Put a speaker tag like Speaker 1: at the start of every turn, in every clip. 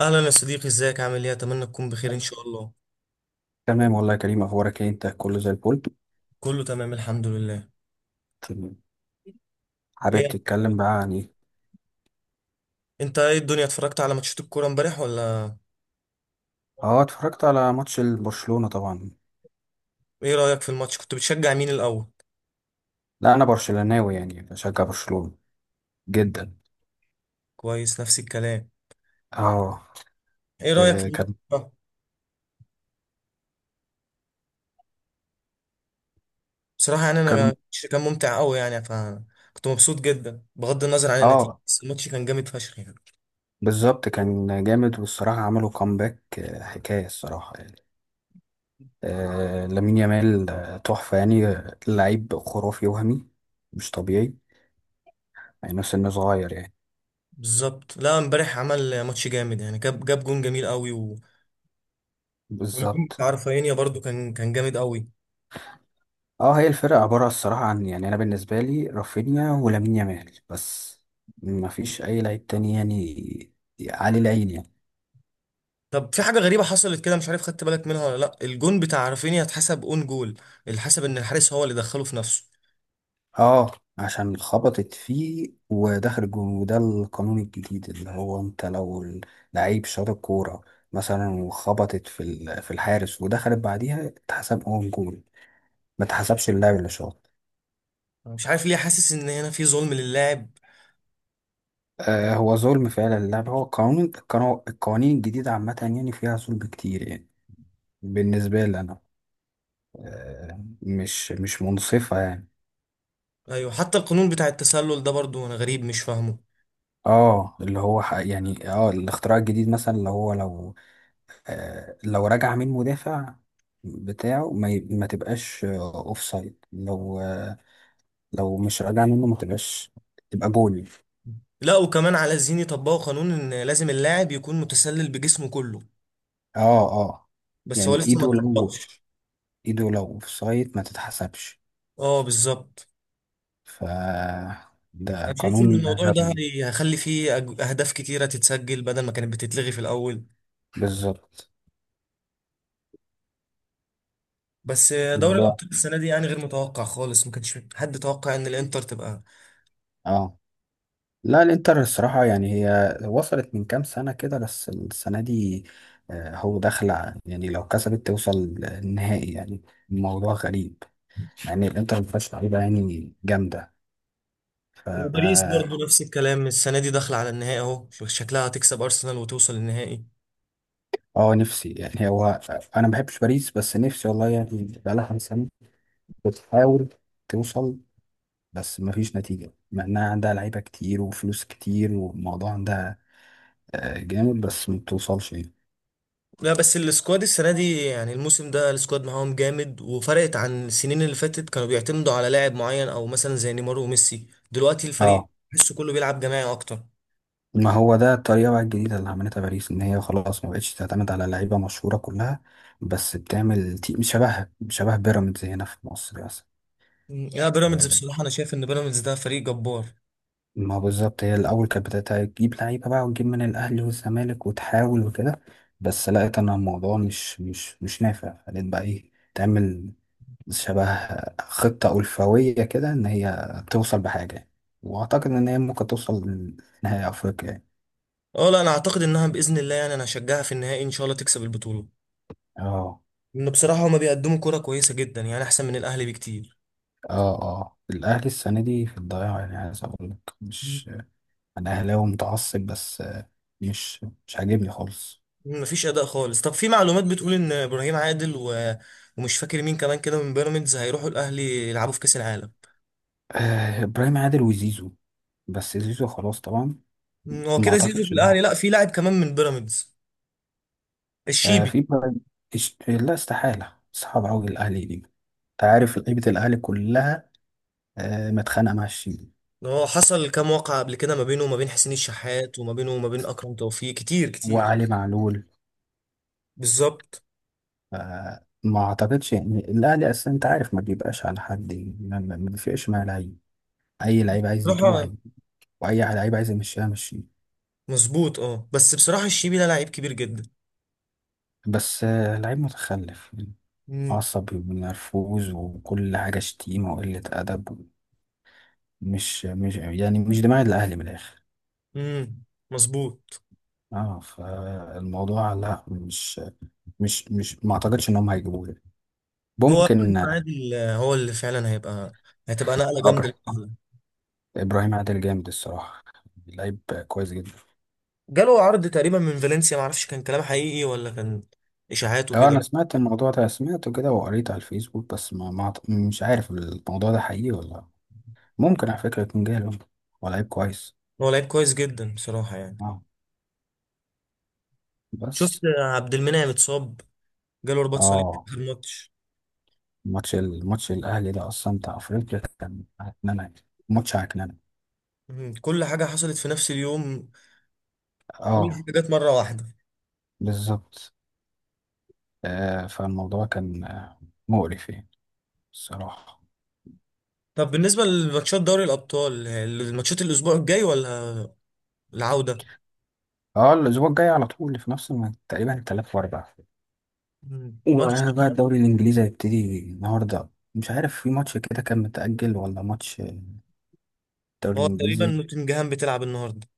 Speaker 1: اهلا يا صديقي، ازيك؟ عامل ايه؟ اتمنى تكون بخير ان شاء الله.
Speaker 2: تمام والله يا كريم، اخبارك ايه؟ انت كله زي الفل،
Speaker 1: كله تمام الحمد لله.
Speaker 2: تمام. حابب
Speaker 1: ايه
Speaker 2: تتكلم بقى عن ايه؟
Speaker 1: انت، ايه الدنيا؟ اتفرجت على ماتشات الكوره امبارح ولا
Speaker 2: اه، اتفرجت على ماتش برشلونة طبعا.
Speaker 1: ايه؟ رايك في الماتش؟ كنت بتشجع مين الاول؟
Speaker 2: لا، انا برشلوناوي يعني بشجع برشلونة، جدا.
Speaker 1: كويس، نفس الكلام.
Speaker 2: اه.
Speaker 1: ايه رايك في
Speaker 2: آه،
Speaker 1: الماتش
Speaker 2: كان
Speaker 1: ده؟ بصراحه يعني انا
Speaker 2: كان
Speaker 1: الماتش كان ممتع قوي يعني، فكنت مبسوط جدا بغض النظر عن النتيجه،
Speaker 2: اه
Speaker 1: بس الماتش كان جامد فشخ يعني.
Speaker 2: بالظبط، كان جامد، والصراحة عملوا كومباك، حكاية الصراحة يعني. لامين يامال، تحفة يعني، لعيب خرافي وهمي، مش طبيعي يعني، نفس انه صغير يعني.
Speaker 1: بالظبط، لا امبارح عمل ماتش جامد يعني، جاب جون جميل قوي و... والجون
Speaker 2: بالظبط.
Speaker 1: بتاع رافينيا برضو كان جامد قوي.
Speaker 2: اه هي الفرقة عبارة الصراحة عن، يعني أنا بالنسبة لي رافينيا ولامين يامال بس، ما فيش أي لعيب تاني يعني، عليه العين يعني.
Speaker 1: طب في حاجة غريبة حصلت كده، مش عارف خدت بالك منها ولا لا، الجون بتاع رافينيا اتحسب اون جول، الحسب ان الحارس هو اللي دخله في نفسه.
Speaker 2: اه، عشان خبطت فيه ودخل الجون، وده القانون الجديد، اللي هو انت لو لعيب شاط الكورة مثلا وخبطت في الحارس ودخلت بعديها، اتحسب اون جول، ما اتحسبش اللاعب اللي شاط.
Speaker 1: أنا مش عارف ليه حاسس ان هنا في ظلم للاعب.
Speaker 2: آه، هو ظلم فعلا اللاعب. هو قانون، القوانين الجديدة عامة يعني فيها ظلم كتير يعني. بالنسبة لي أنا، مش منصفة يعني.
Speaker 1: ايوه حتى القانون بتاع التسلل ده برضو انا غريب مش فاهمه.
Speaker 2: اه، اللي هو يعني الاختراع الجديد مثلا، اللي هو لو رجع من مدافع بتاعه ما تبقاش اوف سايد، لو مش راجع منه ما تبقاش، تبقى جول.
Speaker 1: لا وكمان على الزين يطبقوا قانون ان لازم اللاعب يكون متسلل بجسمه كله،
Speaker 2: اه، اه،
Speaker 1: بس هو
Speaker 2: يعني
Speaker 1: لسه ما اتطبقش.
Speaker 2: ايده لو اوف سايد ما تتحسبش.
Speaker 1: اه بالظبط.
Speaker 2: ف ده
Speaker 1: انا شايف
Speaker 2: قانون
Speaker 1: ان الموضوع ده
Speaker 2: غبي.
Speaker 1: هيخلي فيه اهداف كتيرة تتسجل بدل ما كانت بتتلغي في الاول.
Speaker 2: بالظبط.
Speaker 1: بس دوري
Speaker 2: الموضوع
Speaker 1: الابطال السنة دي يعني غير متوقع خالص، ما كانش حد توقع ان الانتر تبقى.
Speaker 2: اه لا، الانتر الصراحة، يعني هي وصلت من كام سنة كده، بس السنة دي هو داخلة يعني، لو كسبت توصل النهائي يعني. الموضوع غريب، مع ان الانتر ما فيهاش لعيبة يعني جامدة. ف
Speaker 1: وباريس
Speaker 2: اه
Speaker 1: برضه نفس الكلام، السنة دي داخلة على النهائي، اهو شكلها هتكسب أرسنال وتوصل النهائي.
Speaker 2: آه، نفسي يعني. هو انا ما بحبش باريس، بس نفسي والله يعني، بقالها كام سنة بتحاول توصل، بس ما فيش نتيجة، مع انها عندها لعيبة كتير وفلوس كتير والموضوع عندها جامد، بس ما بتوصلش يعني.
Speaker 1: لا بس السكواد السنة دي يعني الموسم ده السكواد معاهم جامد، وفرقت عن السنين اللي فاتت كانوا بيعتمدوا على لاعب معين أو مثلا زي نيمار وميسي، دلوقتي الفريق
Speaker 2: اه،
Speaker 1: تحسه كله بيلعب جماعي أكتر.
Speaker 2: ما هو ده الطريقة بقى الجديدة اللي عملتها باريس، إن هي خلاص ما بقتش تعتمد على لعيبة مشهورة كلها، بس بتعمل شبه بيراميدز هنا في مصر مثلا.
Speaker 1: لا بيراميدز
Speaker 2: مم.
Speaker 1: بصراحة أنا شايف إن بيراميدز ده فريق جبار.
Speaker 2: ما هو بالظبط، هي الأول كانت بدأت تجيب لعيبة بقى، وتجيب من الأهلي والزمالك، وتحاول وكده، بس لقيت أن الموضوع مش نافع، فلقيت بقى إيه تعمل، شبه خطة ألفوية كده إن هي توصل بحاجة يعني. وأعتقد إن هي ممكن توصل لنهائي أفريقيا يعني.
Speaker 1: أه لا أنا أعتقد إنها بإذن الله يعني، أنا هشجعها في النهائي إن شاء الله تكسب البطولة.
Speaker 2: اه،
Speaker 1: إن بصراحة هما بيقدموا كرة كويسة جدا يعني أحسن من الأهلي بكتير.
Speaker 2: اه، اه، الاهلي السنه دي في الضياع يعني، عايز اقول لك مش، انا اهلاوي متعصب، بس مش عاجبني خالص.
Speaker 1: مفيش اداء خالص. طب في معلومات بتقول ان ابراهيم عادل و... ومش فاكر مين كمان كده من بيراميدز هيروحوا الاهلي يلعبوا في كاس العالم.
Speaker 2: آه، ابراهيم عادل وزيزو، بس زيزو خلاص طبعا.
Speaker 1: مم، هو
Speaker 2: ما
Speaker 1: كده زيزو في
Speaker 2: اعتقدش ان
Speaker 1: الاهلي،
Speaker 2: هو.
Speaker 1: لا في لاعب كمان من بيراميدز.
Speaker 2: آه،
Speaker 1: الشيبي.
Speaker 2: لا، استحاله، صعب قوي الاهلي دي، انت عارف لعيبه الاهلي كلها، متخانقه مع الشيبي.
Speaker 1: هو حصل كام واقعة قبل كده ما بينه وما بين حسين الشحات وما بينه وما بين اكرم توفيق، كتير كتير.
Speaker 2: وعلي معلول.
Speaker 1: بالظبط.
Speaker 2: ما اعتقدش، يعني الاهلي اصلا انت عارف ما بيبقاش على حد، يعني ما بيفرقش مع لعيب. اي لعيب عايز يجيبه
Speaker 1: بصراحة
Speaker 2: هيجيبه. واي لعيب عايز يمشيها مشيه.
Speaker 1: مظبوط، اه بس بصراحة الشيبي ده لعيب كبير جدا.
Speaker 2: بس لعيب متخلف يعني،
Speaker 1: امم.
Speaker 2: عصبي ومنرفوز، وكل حاجة شتيمة وقلة أدب. مش يعني مش دماغ الأهلي من الآخر.
Speaker 1: امم. مظبوط.
Speaker 2: اه، فالموضوع لا، مش، ما اعتقدش ان هم هيجيبوه يعني.
Speaker 1: هو ابراهيم
Speaker 2: ممكن.
Speaker 1: عادل هو اللي فعلا هيبقى، هتبقى نقلة
Speaker 2: أبر-
Speaker 1: جامدة.
Speaker 2: ابراهيم عادل جامد الصراحة، لعيب كويس جدا.
Speaker 1: جاله عرض تقريبا من فالنسيا، معرفش كان كلام حقيقي ولا كان اشاعات
Speaker 2: اه، انا
Speaker 1: وكده.
Speaker 2: سمعت الموضوع ده، سمعته كده وقريت على الفيسبوك، بس ما, ما أعت- مش عارف الموضوع ده حقيقي ولا لا. ممكن على فكرة يكون جاهل ولا لعيب كويس.
Speaker 1: هو لعيب كويس جدا بصراحه يعني.
Speaker 2: اه،
Speaker 1: شفت
Speaker 2: بس.
Speaker 1: عبد المنعم اتصاب؟ جاله رباط صليبي في
Speaker 2: اه،
Speaker 1: آخر الماتش.
Speaker 2: الماتش الاهلي ده اصلا بتاع افريقيا كان هتنمى يعني. ماتش هتنمى.
Speaker 1: مم، كل حاجه حصلت في نفس اليوم، كل حاجه
Speaker 2: اه،
Speaker 1: جت مره واحده.
Speaker 2: بالظبط. فالموضوع كان مقرف يعني الصراحه.
Speaker 1: طب بالنسبه لماتشات دوري الابطال، الماتشات الاسبوع الجاي ولا العوده؟
Speaker 2: اه، الاسبوع الجاي على طول في نفس تقريبا الثلاث واربع.
Speaker 1: مم، ماتش.
Speaker 2: وبقى الدوري الانجليزي هيبتدي النهارده. مش عارف في ماتش كده كان متأجل، ولا ماتش الدوري
Speaker 1: هو تقريبا
Speaker 2: الانجليزي.
Speaker 1: نوتنجهام بتلعب النهارده.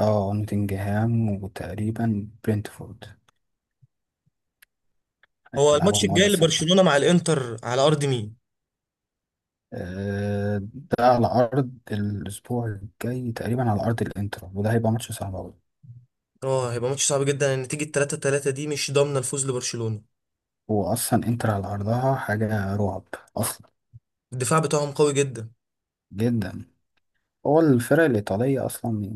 Speaker 2: اه، نوتنجهام وتقريبا برينتفورد.
Speaker 1: هو
Speaker 2: يلعبوا
Speaker 1: الماتش
Speaker 2: النهارده
Speaker 1: الجاي
Speaker 2: الساعه.
Speaker 1: لبرشلونه مع الانتر على ارض مين؟
Speaker 2: ده على أرض، الأسبوع الجاي تقريبا على أرض الإنتر، وده هيبقى ماتش صعب أوي.
Speaker 1: اه هيبقى ماتش صعب جدا، النتيجه 3 3 دي مش ضامنه الفوز لبرشلونه.
Speaker 2: هو أصلا إنتر على أرضها حاجة رعب أصلا.
Speaker 1: الدفاع بتاعهم قوي جدا.
Speaker 2: جدا. هو الفرق الإيطالية أصلا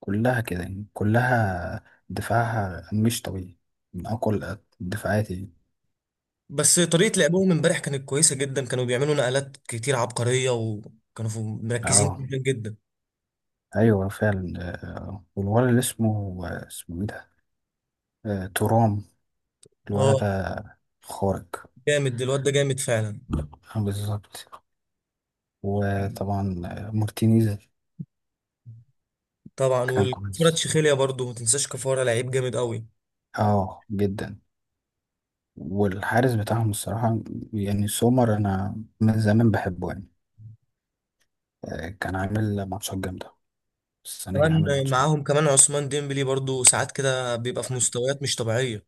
Speaker 2: كلها كده يعني، كلها دفاعها مش طبيعي، من أقوى الدفاعات يعني.
Speaker 1: بس طريقة لعبهم امبارح كانت كويسة جدا، كانوا بيعملوا نقلات كتير عبقرية، وكانوا مركزين
Speaker 2: اه،
Speaker 1: جدا جدا.
Speaker 2: أيوة فعلا. والولد اللي اسمه إيه ده؟ تورام. الولد
Speaker 1: اه
Speaker 2: ده خارق.
Speaker 1: جامد الواد ده، جامد فعلا.
Speaker 2: آه، بالظبط. وطبعا مارتينيز.
Speaker 1: طبعا،
Speaker 2: كان
Speaker 1: والكفارة
Speaker 2: كويس.
Speaker 1: تشيخيليا برضو ما تنساش، كفارة لعيب جامد قوي.
Speaker 2: اه، جدا. والحارس بتاعهم الصراحة، يعني سومر أنا من زمان بحبه يعني. كان عامل ماتشات جامدة. السنة دي عامل
Speaker 1: كمان
Speaker 2: ماتشات.
Speaker 1: معاهم كمان عثمان ديمبلي، برضو ساعات كده بيبقى في مستويات مش طبيعية.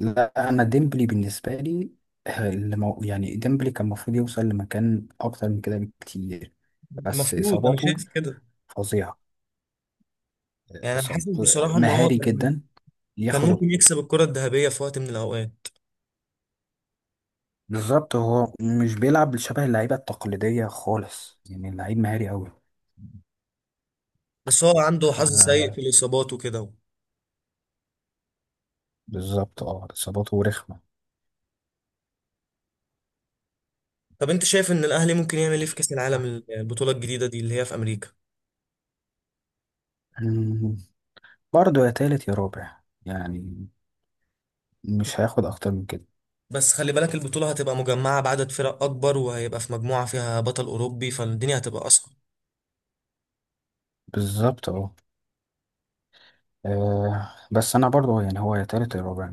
Speaker 2: لا، أنا ديمبلي بالنسبة لي يعني ديمبلي كان المفروض يوصل لمكان أكتر من كده بكتير. بس
Speaker 1: المفروض، انا
Speaker 2: إصاباته
Speaker 1: شايف كده.
Speaker 2: فظيعة.
Speaker 1: يعني انا
Speaker 2: إصاب-
Speaker 1: حاسس بصراحة ان هو
Speaker 2: مهاري
Speaker 1: كان
Speaker 2: جدا،
Speaker 1: كان
Speaker 2: ياخده.
Speaker 1: ممكن يكسب الكرة الذهبية في وقت من الاوقات.
Speaker 2: بالظبط، هو مش بيلعب شبه اللعيبة التقليدية خالص يعني، اللعيب مهاري أوي.
Speaker 1: بس هو عنده حظ سيء
Speaker 2: ف-
Speaker 1: في الاصابات وكده.
Speaker 2: بالظبط، اصاباته رخمه.
Speaker 1: طب انت شايف ان الاهلي ممكن يعمل ايه في كاس العالم، البطوله الجديده دي اللي هي في امريكا؟
Speaker 2: مم. برضه يا تالت يا رابع، يعني مش هياخد اكتر من كده.
Speaker 1: بس خلي بالك البطوله هتبقى مجمعه بعدد فرق اكبر، وهيبقى في مجموعه فيها بطل اوروبي، فالدنيا هتبقى اصعب.
Speaker 2: بالظبط، بس انا برضه يعني هو يا تالت يا رابع.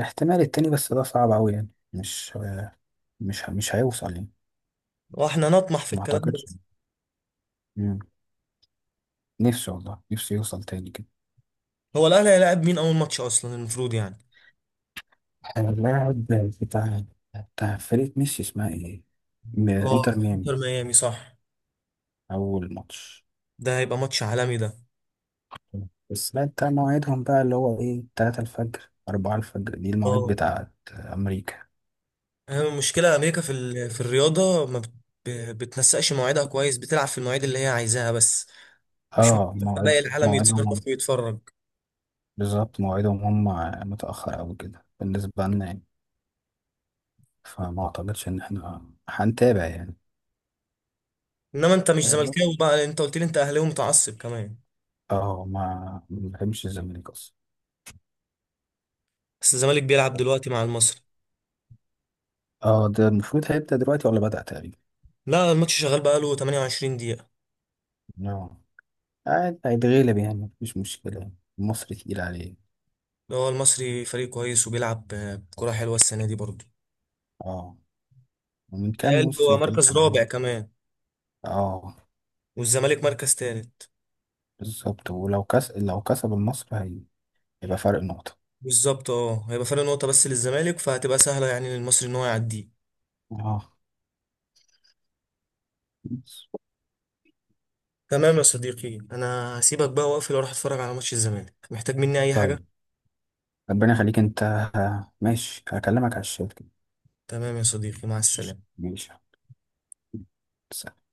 Speaker 2: احتمال التاني، بس ده صعب اوي يعني، مش آه، مش مش هيوصل يعني.
Speaker 1: واحنا نطمح في
Speaker 2: ما
Speaker 1: الكلام ده.
Speaker 2: اعتقدش. مم. نفسي والله، نفسي يوصل تاني كده.
Speaker 1: هو الاهلي هيلاعب مين اول ماتش اصلا المفروض يعني؟
Speaker 2: اللاعب بتاع بتاع فريق ميسي اسمها ايه؟ انتر
Speaker 1: اه
Speaker 2: ميامي.
Speaker 1: انتر ميامي، صح.
Speaker 2: اول ماتش.
Speaker 1: ده هيبقى ماتش عالمي ده.
Speaker 2: بس لا، انت مواعيدهم بقى اللي هو ايه، 3 الفجر، 4 الفجر، دي المواعيد
Speaker 1: اه
Speaker 2: بتاعت أمريكا.
Speaker 1: هي المشكله امريكا في ال... في الرياضه ما بت... بتنسقش مواعيدها كويس، بتلعب في المواعيد اللي هي عايزاها بس، مش ممكن
Speaker 2: اه، مواعيد
Speaker 1: باقي العالم
Speaker 2: مواعيدهم هم.
Speaker 1: يتصرف ويتفرج.
Speaker 2: بالظبط، مواعيدهم هم متأخر أوي كده بالنسبة لنا يعني. فما أعتقدش إن احنا هنتابع يعني.
Speaker 1: انما انت مش
Speaker 2: اه
Speaker 1: زملكاوي بقى، انت قلت لي انت اهلاوي متعصب كمان.
Speaker 2: ما بحبش الزمالك أصلا.
Speaker 1: بس الزمالك بيلعب دلوقتي مع المصري.
Speaker 2: اه، ده المفروض هيبدأ دلوقتي ولا بدأ تقريبا؟
Speaker 1: لا الماتش شغال بقاله 28 دقيقة.
Speaker 2: اه، عاد هيتغلب يعني. مفيش مشكلة يعني، مصر تقيل عليه.
Speaker 1: هو المصري فريق كويس وبيلعب كرة حلوة السنة دي برضه.
Speaker 2: اه، ومن كام
Speaker 1: بيتهيألي هو
Speaker 2: موسم كده
Speaker 1: مركز
Speaker 2: كان عامل.
Speaker 1: رابع كمان،
Speaker 2: اه،
Speaker 1: والزمالك مركز تالت.
Speaker 2: بالظبط. لو كسب النصر، هيبقى فرق نقطة.
Speaker 1: بالظبط اه هيبقى فرق نقطة بس للزمالك، فهتبقى سهلة يعني للمصري ان هو يعديه.
Speaker 2: اه، بس.
Speaker 1: تمام يا صديقي، انا هسيبك بقى واقفل واروح اتفرج على ماتش الزمالك، محتاج مني اي
Speaker 2: طيب.
Speaker 1: حاجة؟
Speaker 2: ربنا يخليك انت. ماشي، هكلمك على الشات كده.
Speaker 1: تمام يا صديقي، مع السلامة.
Speaker 2: ماشي. سلام.